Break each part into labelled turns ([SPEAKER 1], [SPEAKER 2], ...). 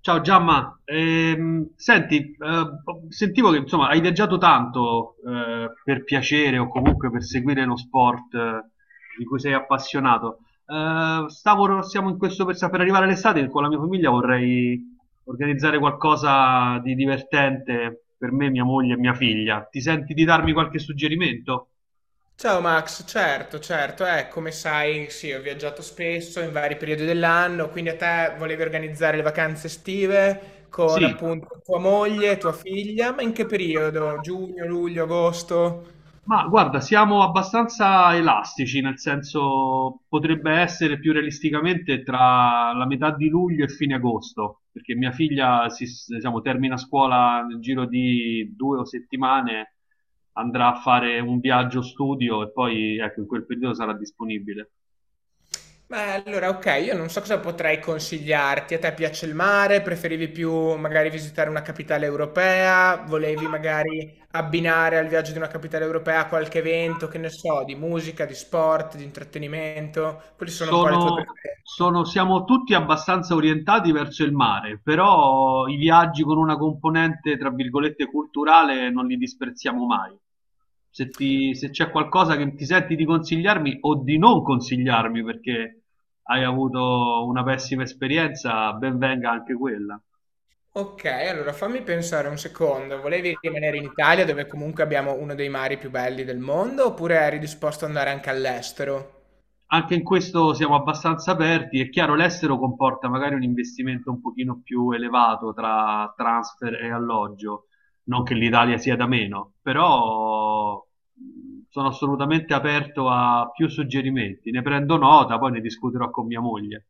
[SPEAKER 1] Ciao Giamma, senti, sentivo che insomma hai viaggiato tanto, per piacere o comunque per seguire lo sport, di cui sei appassionato. Siamo in questo per arrivare all'estate con la mia famiglia, vorrei organizzare qualcosa di divertente per me, mia moglie e mia figlia. Ti senti di darmi qualche suggerimento?
[SPEAKER 2] Ciao Max, certo, certo, come sai, sì, ho viaggiato spesso in vari periodi dell'anno, quindi a te volevi organizzare le vacanze estive
[SPEAKER 1] Sì,
[SPEAKER 2] con appunto tua moglie, tua figlia, ma in che periodo? Giugno, luglio, agosto?
[SPEAKER 1] ma guarda, siamo abbastanza elastici, nel senso potrebbe essere più realisticamente tra la metà di luglio e fine agosto, perché diciamo, termina scuola nel giro di due o settimane, andrà a fare un viaggio studio e poi ecco, in quel periodo sarà disponibile.
[SPEAKER 2] Beh, allora, ok, io non so cosa potrei consigliarti. A te piace il mare? Preferivi più magari visitare una capitale europea? Volevi magari abbinare al viaggio di una capitale europea qualche evento, che ne so, di musica, di sport, di intrattenimento? Quelle sono un po' le tue preferenze.
[SPEAKER 1] Siamo tutti abbastanza orientati verso il mare, però i viaggi con una componente, tra virgolette, culturale non li disprezziamo mai. Se c'è qualcosa che ti senti di consigliarmi o di non consigliarmi perché hai avuto una pessima esperienza, ben venga anche quella.
[SPEAKER 2] Ok, allora fammi pensare un secondo. Volevi rimanere in Italia, dove comunque abbiamo uno dei mari più belli del mondo, oppure eri disposto ad andare anche all'estero?
[SPEAKER 1] Anche in questo siamo abbastanza aperti. È chiaro, l'estero comporta magari un investimento un pochino più elevato tra transfer e alloggio, non che l'Italia sia da meno, però sono assolutamente aperto a più suggerimenti. Ne prendo nota, poi ne discuterò con mia moglie.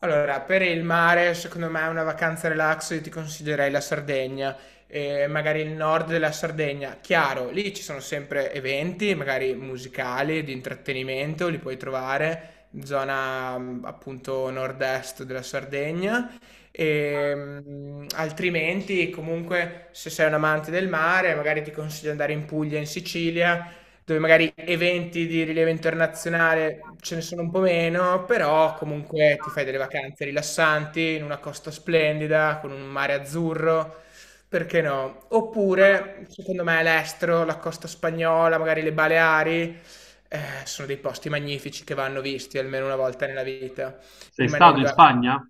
[SPEAKER 2] Allora, per il mare, secondo me è una vacanza relax, io ti consiglierei la Sardegna, magari il nord della Sardegna. Chiaro, lì ci sono sempre eventi, magari musicali, di intrattenimento, li puoi trovare, zona appunto nord-est della Sardegna. E, altrimenti, comunque, se sei un amante del mare, magari ti consiglio di andare in Puglia, in Sicilia dove magari eventi di rilievo internazionale ce ne sono un po' meno, però comunque ti fai delle vacanze rilassanti in una costa splendida, con un mare azzurro, perché no? Oppure, secondo me, all'estero, la costa spagnola, magari le Baleari, sono dei posti magnifici che vanno visti almeno una volta nella vita,
[SPEAKER 1] Sei stato in
[SPEAKER 2] ecco,
[SPEAKER 1] Spagna?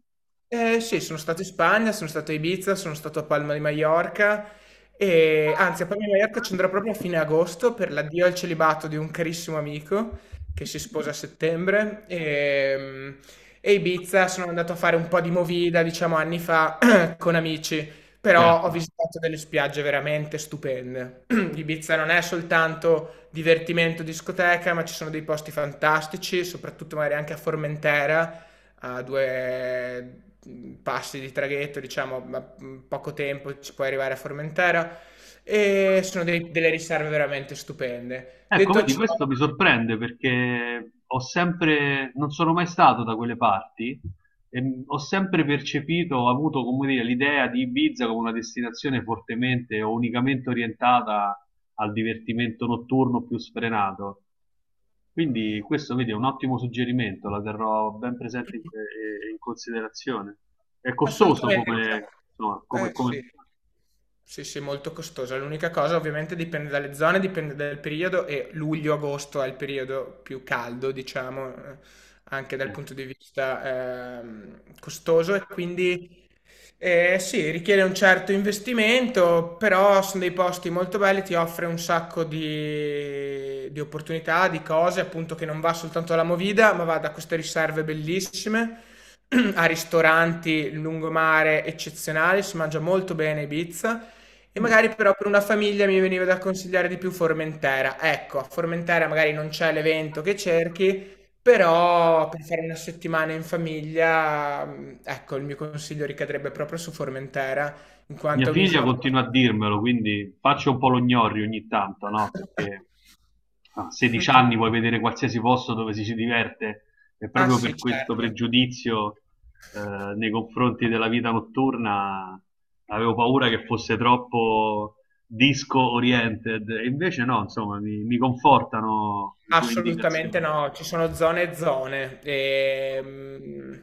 [SPEAKER 2] sì, sono stato in Spagna, sono stato a Ibiza, sono stato a Palma di Maiorca e anzi a Palma di Maiorca ci andrò proprio a fine agosto per l'addio al celibato di un carissimo amico che si sposa a settembre e Ibiza sono andato a fare un po' di movida, diciamo anni fa, con amici, però ho
[SPEAKER 1] Certo.
[SPEAKER 2] visitato delle spiagge veramente stupende. Ibiza non è soltanto divertimento, discoteca, ma ci sono dei posti fantastici, soprattutto magari anche a Formentera a due passi di traghetto, diciamo, ma poco tempo ci puoi arrivare a Formentera e sono delle riserve veramente stupende.
[SPEAKER 1] Ecco,
[SPEAKER 2] Detto
[SPEAKER 1] vedi,
[SPEAKER 2] ciò,
[SPEAKER 1] questo mi sorprende perché non sono mai stato da quelle parti e ho avuto, come dire, l'idea di Ibiza come una destinazione fortemente o unicamente orientata al divertimento notturno più sfrenato. Quindi questo, vedi, è un ottimo suggerimento, la terrò ben presente in considerazione. È costoso
[SPEAKER 2] assolutamente.
[SPEAKER 1] come, insomma,
[SPEAKER 2] Diciamo. Eh sì.
[SPEAKER 1] come...
[SPEAKER 2] Sì, sì, molto costosa. L'unica cosa ovviamente dipende dalle zone, dipende dal periodo e luglio-agosto è il periodo più caldo, diciamo, anche dal
[SPEAKER 1] eh.
[SPEAKER 2] punto di vista costoso e quindi sì, richiede un certo investimento, però sono dei posti molto belli, ti offre un sacco di opportunità, di cose, appunto che non va soltanto alla Movida, ma va da queste riserve bellissime a ristoranti, lungomare eccezionali, si mangia molto bene a Ibiza e magari però per una famiglia mi veniva da consigliare di più Formentera. Ecco, a Formentera magari non c'è l'evento che cerchi, però per fare una settimana in famiglia, ecco, il mio consiglio ricadrebbe proprio su Formentera, in
[SPEAKER 1] Mia
[SPEAKER 2] quanto è
[SPEAKER 1] figlia
[SPEAKER 2] un'isola.
[SPEAKER 1] continua a dirmelo, quindi faccio un po' lo gnorri ogni tanto, no? Perché a 16 anni vuoi vedere qualsiasi posto dove ci si diverte e
[SPEAKER 2] Ah
[SPEAKER 1] proprio
[SPEAKER 2] sì,
[SPEAKER 1] per questo
[SPEAKER 2] certo.
[SPEAKER 1] pregiudizio, nei confronti della vita notturna avevo paura che fosse troppo disco oriented e invece no, insomma, mi confortano le tue
[SPEAKER 2] Assolutamente
[SPEAKER 1] indicazioni.
[SPEAKER 2] no, ci sono zone e zone.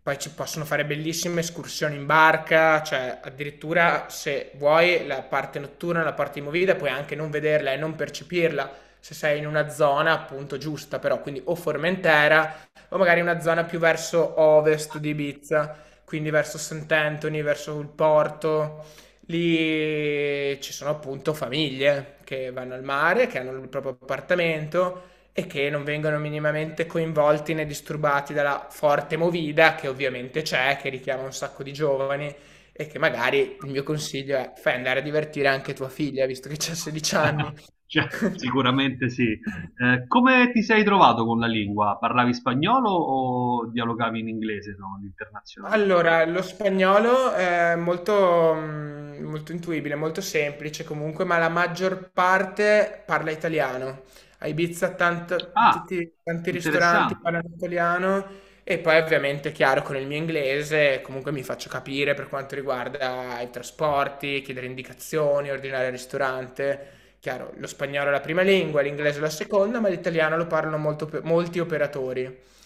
[SPEAKER 2] Poi ci possono fare bellissime escursioni in barca, cioè addirittura se vuoi la parte notturna, la parte di movida, puoi anche non vederla e non percepirla se sei in una zona appunto giusta, però quindi o Formentera o magari una zona più verso ovest di Ibiza, quindi verso Sant'Anthony, verso il porto. Lì ci sono appunto famiglie che vanno al mare, che hanno il proprio appartamento e che non vengono minimamente coinvolti né disturbati dalla forte movida che ovviamente c'è, che richiama un sacco di giovani e che magari il mio consiglio è fai andare a divertire anche tua figlia, visto che c'ha 16 anni.
[SPEAKER 1] Cioè, sicuramente sì. Come ti sei trovato con la lingua? Parlavi spagnolo o dialogavi in inglese, no? L'internazionalità.
[SPEAKER 2] Allora, lo spagnolo è molto, molto intuibile, molto semplice comunque, ma la maggior parte parla italiano. A Ibiza
[SPEAKER 1] Ah,
[SPEAKER 2] tutti, tanti ristoranti
[SPEAKER 1] interessante,
[SPEAKER 2] parlano italiano e poi ovviamente, chiaro, con il mio inglese comunque mi faccio capire per quanto riguarda i trasporti, chiedere indicazioni, ordinare al ristorante. Chiaro, lo spagnolo è la prima lingua, l'inglese è la seconda, ma l'italiano lo parlano molto molti operatori.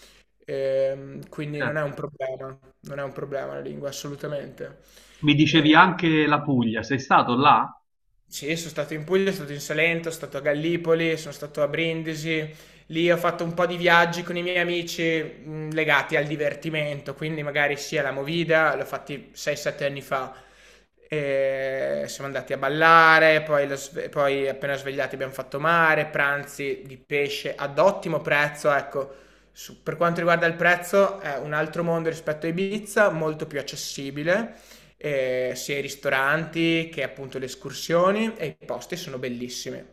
[SPEAKER 2] Quindi non è
[SPEAKER 1] certo.
[SPEAKER 2] un problema, non è un problema la lingua assolutamente.
[SPEAKER 1] Mi dicevi
[SPEAKER 2] E-
[SPEAKER 1] anche la Puglia, sei stato là?
[SPEAKER 2] sì, sono stato in Puglia, sono stato in Salento, sono stato a Gallipoli, sono stato a Brindisi. Lì ho fatto un po' di viaggi con i miei amici legati al divertimento, quindi magari sia la movida, l'ho fatti 6-7 anni fa. E siamo andati a ballare, poi, poi appena svegliati abbiamo fatto mare, pranzi di pesce ad ottimo prezzo, ecco. Per quanto riguarda il prezzo, è un altro mondo rispetto a Ibiza, molto più accessibile sia i ristoranti che appunto le escursioni e i posti sono bellissimi.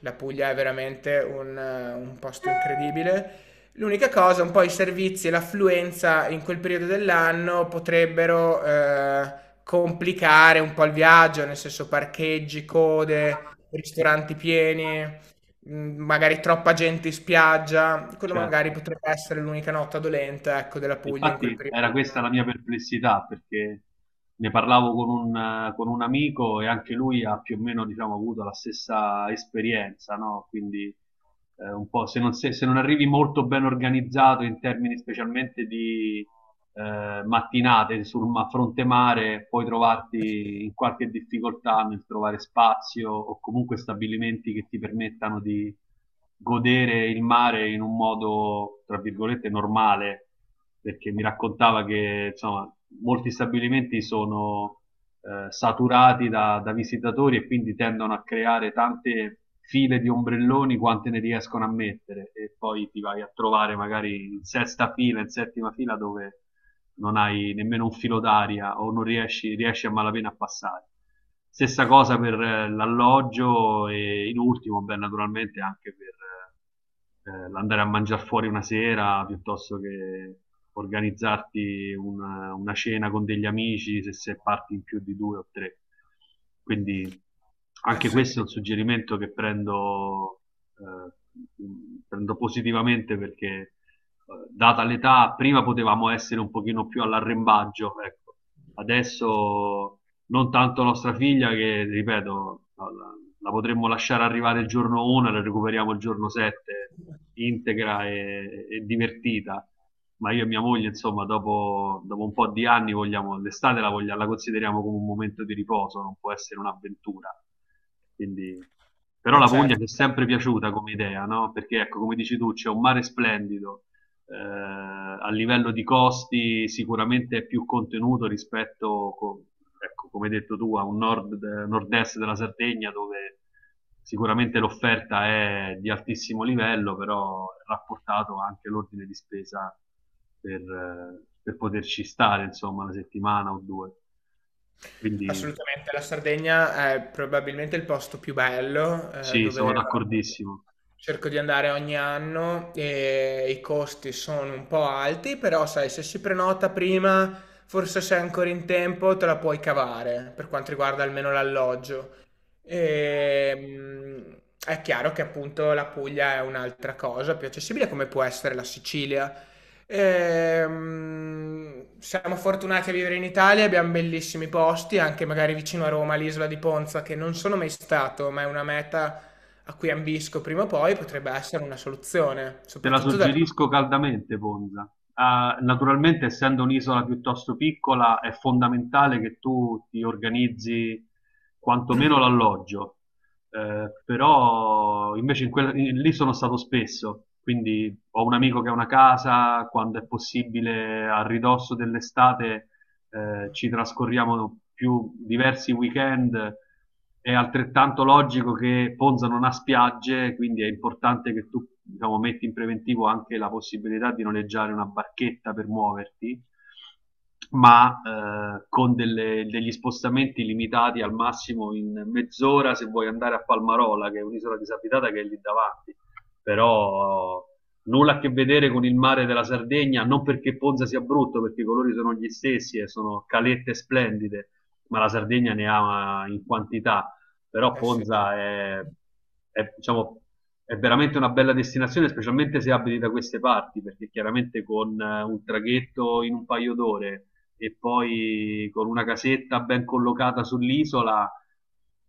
[SPEAKER 2] La Puglia è veramente un posto incredibile. L'unica cosa, un po' i servizi e l'affluenza in quel periodo dell'anno potrebbero complicare un po' il viaggio, nel senso parcheggi, code, ristoranti pieni, magari troppa gente in spiaggia. Quello magari
[SPEAKER 1] Certo.
[SPEAKER 2] potrebbe essere l'unica nota dolente, ecco, della Puglia in quel
[SPEAKER 1] Infatti
[SPEAKER 2] periodo
[SPEAKER 1] era questa
[SPEAKER 2] dell'anno.
[SPEAKER 1] la mia perplessità perché ne parlavo con un amico e anche lui ha più o meno, diciamo, avuto la stessa esperienza, no? Quindi, un po' se non arrivi molto ben organizzato in termini specialmente mattinate fronte mare, puoi trovarti in qualche difficoltà nel trovare spazio o comunque stabilimenti che ti permettano di godere il mare in un modo, tra virgolette, normale, perché mi raccontava che insomma, molti stabilimenti sono saturati da visitatori e quindi tendono a creare tante file di ombrelloni quante ne riescono a mettere e poi ti vai a trovare magari in sesta fila, in settima fila dove non hai nemmeno un filo d'aria o non riesci a malapena a passare. Stessa cosa per l'alloggio e in ultimo, beh, naturalmente anche l'andare a mangiare fuori una sera piuttosto che organizzarti una cena con degli amici se sei parti in più di due o tre. Quindi
[SPEAKER 2] Eh
[SPEAKER 1] anche
[SPEAKER 2] sì,
[SPEAKER 1] questo è un suggerimento che prendo, eh, prendo positivamente perché, data l'età prima potevamo essere un pochino più all'arrembaggio, ecco. Adesso non tanto nostra figlia che, ripeto, la potremmo lasciare arrivare il giorno 1 e la recuperiamo il giorno 7 integra e divertita. Ma io e mia moglie, insomma, dopo un po' di anni vogliamo, la consideriamo come un momento di riposo, non può essere un'avventura. Quindi, però
[SPEAKER 2] eh
[SPEAKER 1] la Puglia
[SPEAKER 2] certo.
[SPEAKER 1] ci è sempre piaciuta come idea, no? Perché ecco, come dici tu, c'è un mare splendido, a livello di costi sicuramente è più contenuto ecco, come hai detto tu, a nord-est della Sardegna dove sicuramente l'offerta è di altissimo livello, però è rapportato anche l'ordine di spesa per poterci stare, insomma, una settimana o due. Quindi
[SPEAKER 2] Assolutamente, la Sardegna è probabilmente il posto più bello,
[SPEAKER 1] sì, sono
[SPEAKER 2] dove
[SPEAKER 1] d'accordissimo.
[SPEAKER 2] cerco di andare ogni anno e i costi sono un po' alti, però sai se si prenota prima, forse se è ancora in tempo te la puoi cavare, per quanto riguarda almeno l'alloggio. Ehm, è chiaro che appunto la Puglia è un'altra cosa, più accessibile come può essere la Sicilia. Siamo fortunati a vivere in Italia, abbiamo bellissimi posti, anche magari vicino a Roma, l'isola di Ponza, che non sono mai stato, ma è una meta a cui ambisco prima o poi, potrebbe essere una soluzione,
[SPEAKER 1] Te la
[SPEAKER 2] soprattutto dal...
[SPEAKER 1] suggerisco caldamente, Ponza. Ah, naturalmente, essendo un'isola piuttosto piccola, è fondamentale che tu ti organizzi quantomeno l'alloggio. Però invece lì sono stato spesso, quindi ho un amico che ha una casa, quando è possibile a ridosso dell'estate ci trascorriamo più diversi weekend, è altrettanto logico che Ponza non ha spiagge, quindi è importante che tu, diciamo, metti in preventivo anche la possibilità di noleggiare una barchetta per muoverti, ma con degli spostamenti limitati al massimo in mezz'ora se vuoi andare a Palmarola, che è un'isola disabitata che è lì davanti, però nulla a che vedere con il mare della Sardegna, non perché Ponza sia brutto, perché i colori sono gli stessi e sono calette splendide, ma la Sardegna ne ha, in quantità. Però
[SPEAKER 2] eh sì.
[SPEAKER 1] Ponza, diciamo, è veramente una bella destinazione, specialmente se abiti da queste parti, perché chiaramente con un traghetto in un paio d'ore e poi con una casetta ben collocata sull'isola,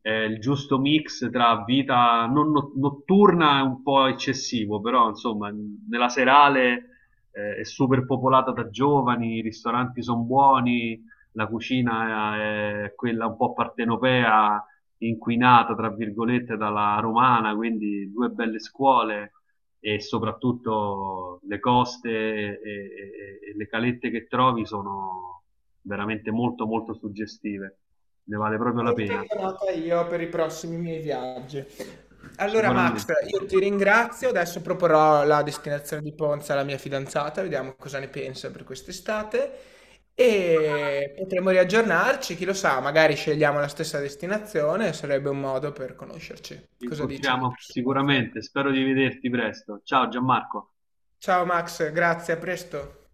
[SPEAKER 1] il giusto mix tra vita non no- notturna è un po' eccessivo, però insomma nella serale è super popolata da giovani, i ristoranti sono buoni, la cucina è quella un po' partenopea, inquinata tra virgolette dalla romana, quindi due belle scuole e soprattutto le coste e le calette che trovi sono veramente molto molto suggestive, ne vale proprio la
[SPEAKER 2] E
[SPEAKER 1] pena.
[SPEAKER 2] tengo nota io per i prossimi miei viaggi. Allora, Max,
[SPEAKER 1] Sicuramente,
[SPEAKER 2] io ti ringrazio. Adesso proporrò la destinazione di Ponza alla mia fidanzata, vediamo cosa ne pensa per quest'estate. E potremo riaggiornarci, chi lo sa, magari scegliamo la stessa destinazione, sarebbe un modo per conoscerci.
[SPEAKER 1] ci
[SPEAKER 2] Cosa dici? Di
[SPEAKER 1] incontriamo
[SPEAKER 2] persona?
[SPEAKER 1] sicuramente, spero di vederti presto. Ciao Gianmarco.
[SPEAKER 2] Ciao Max, grazie, a presto.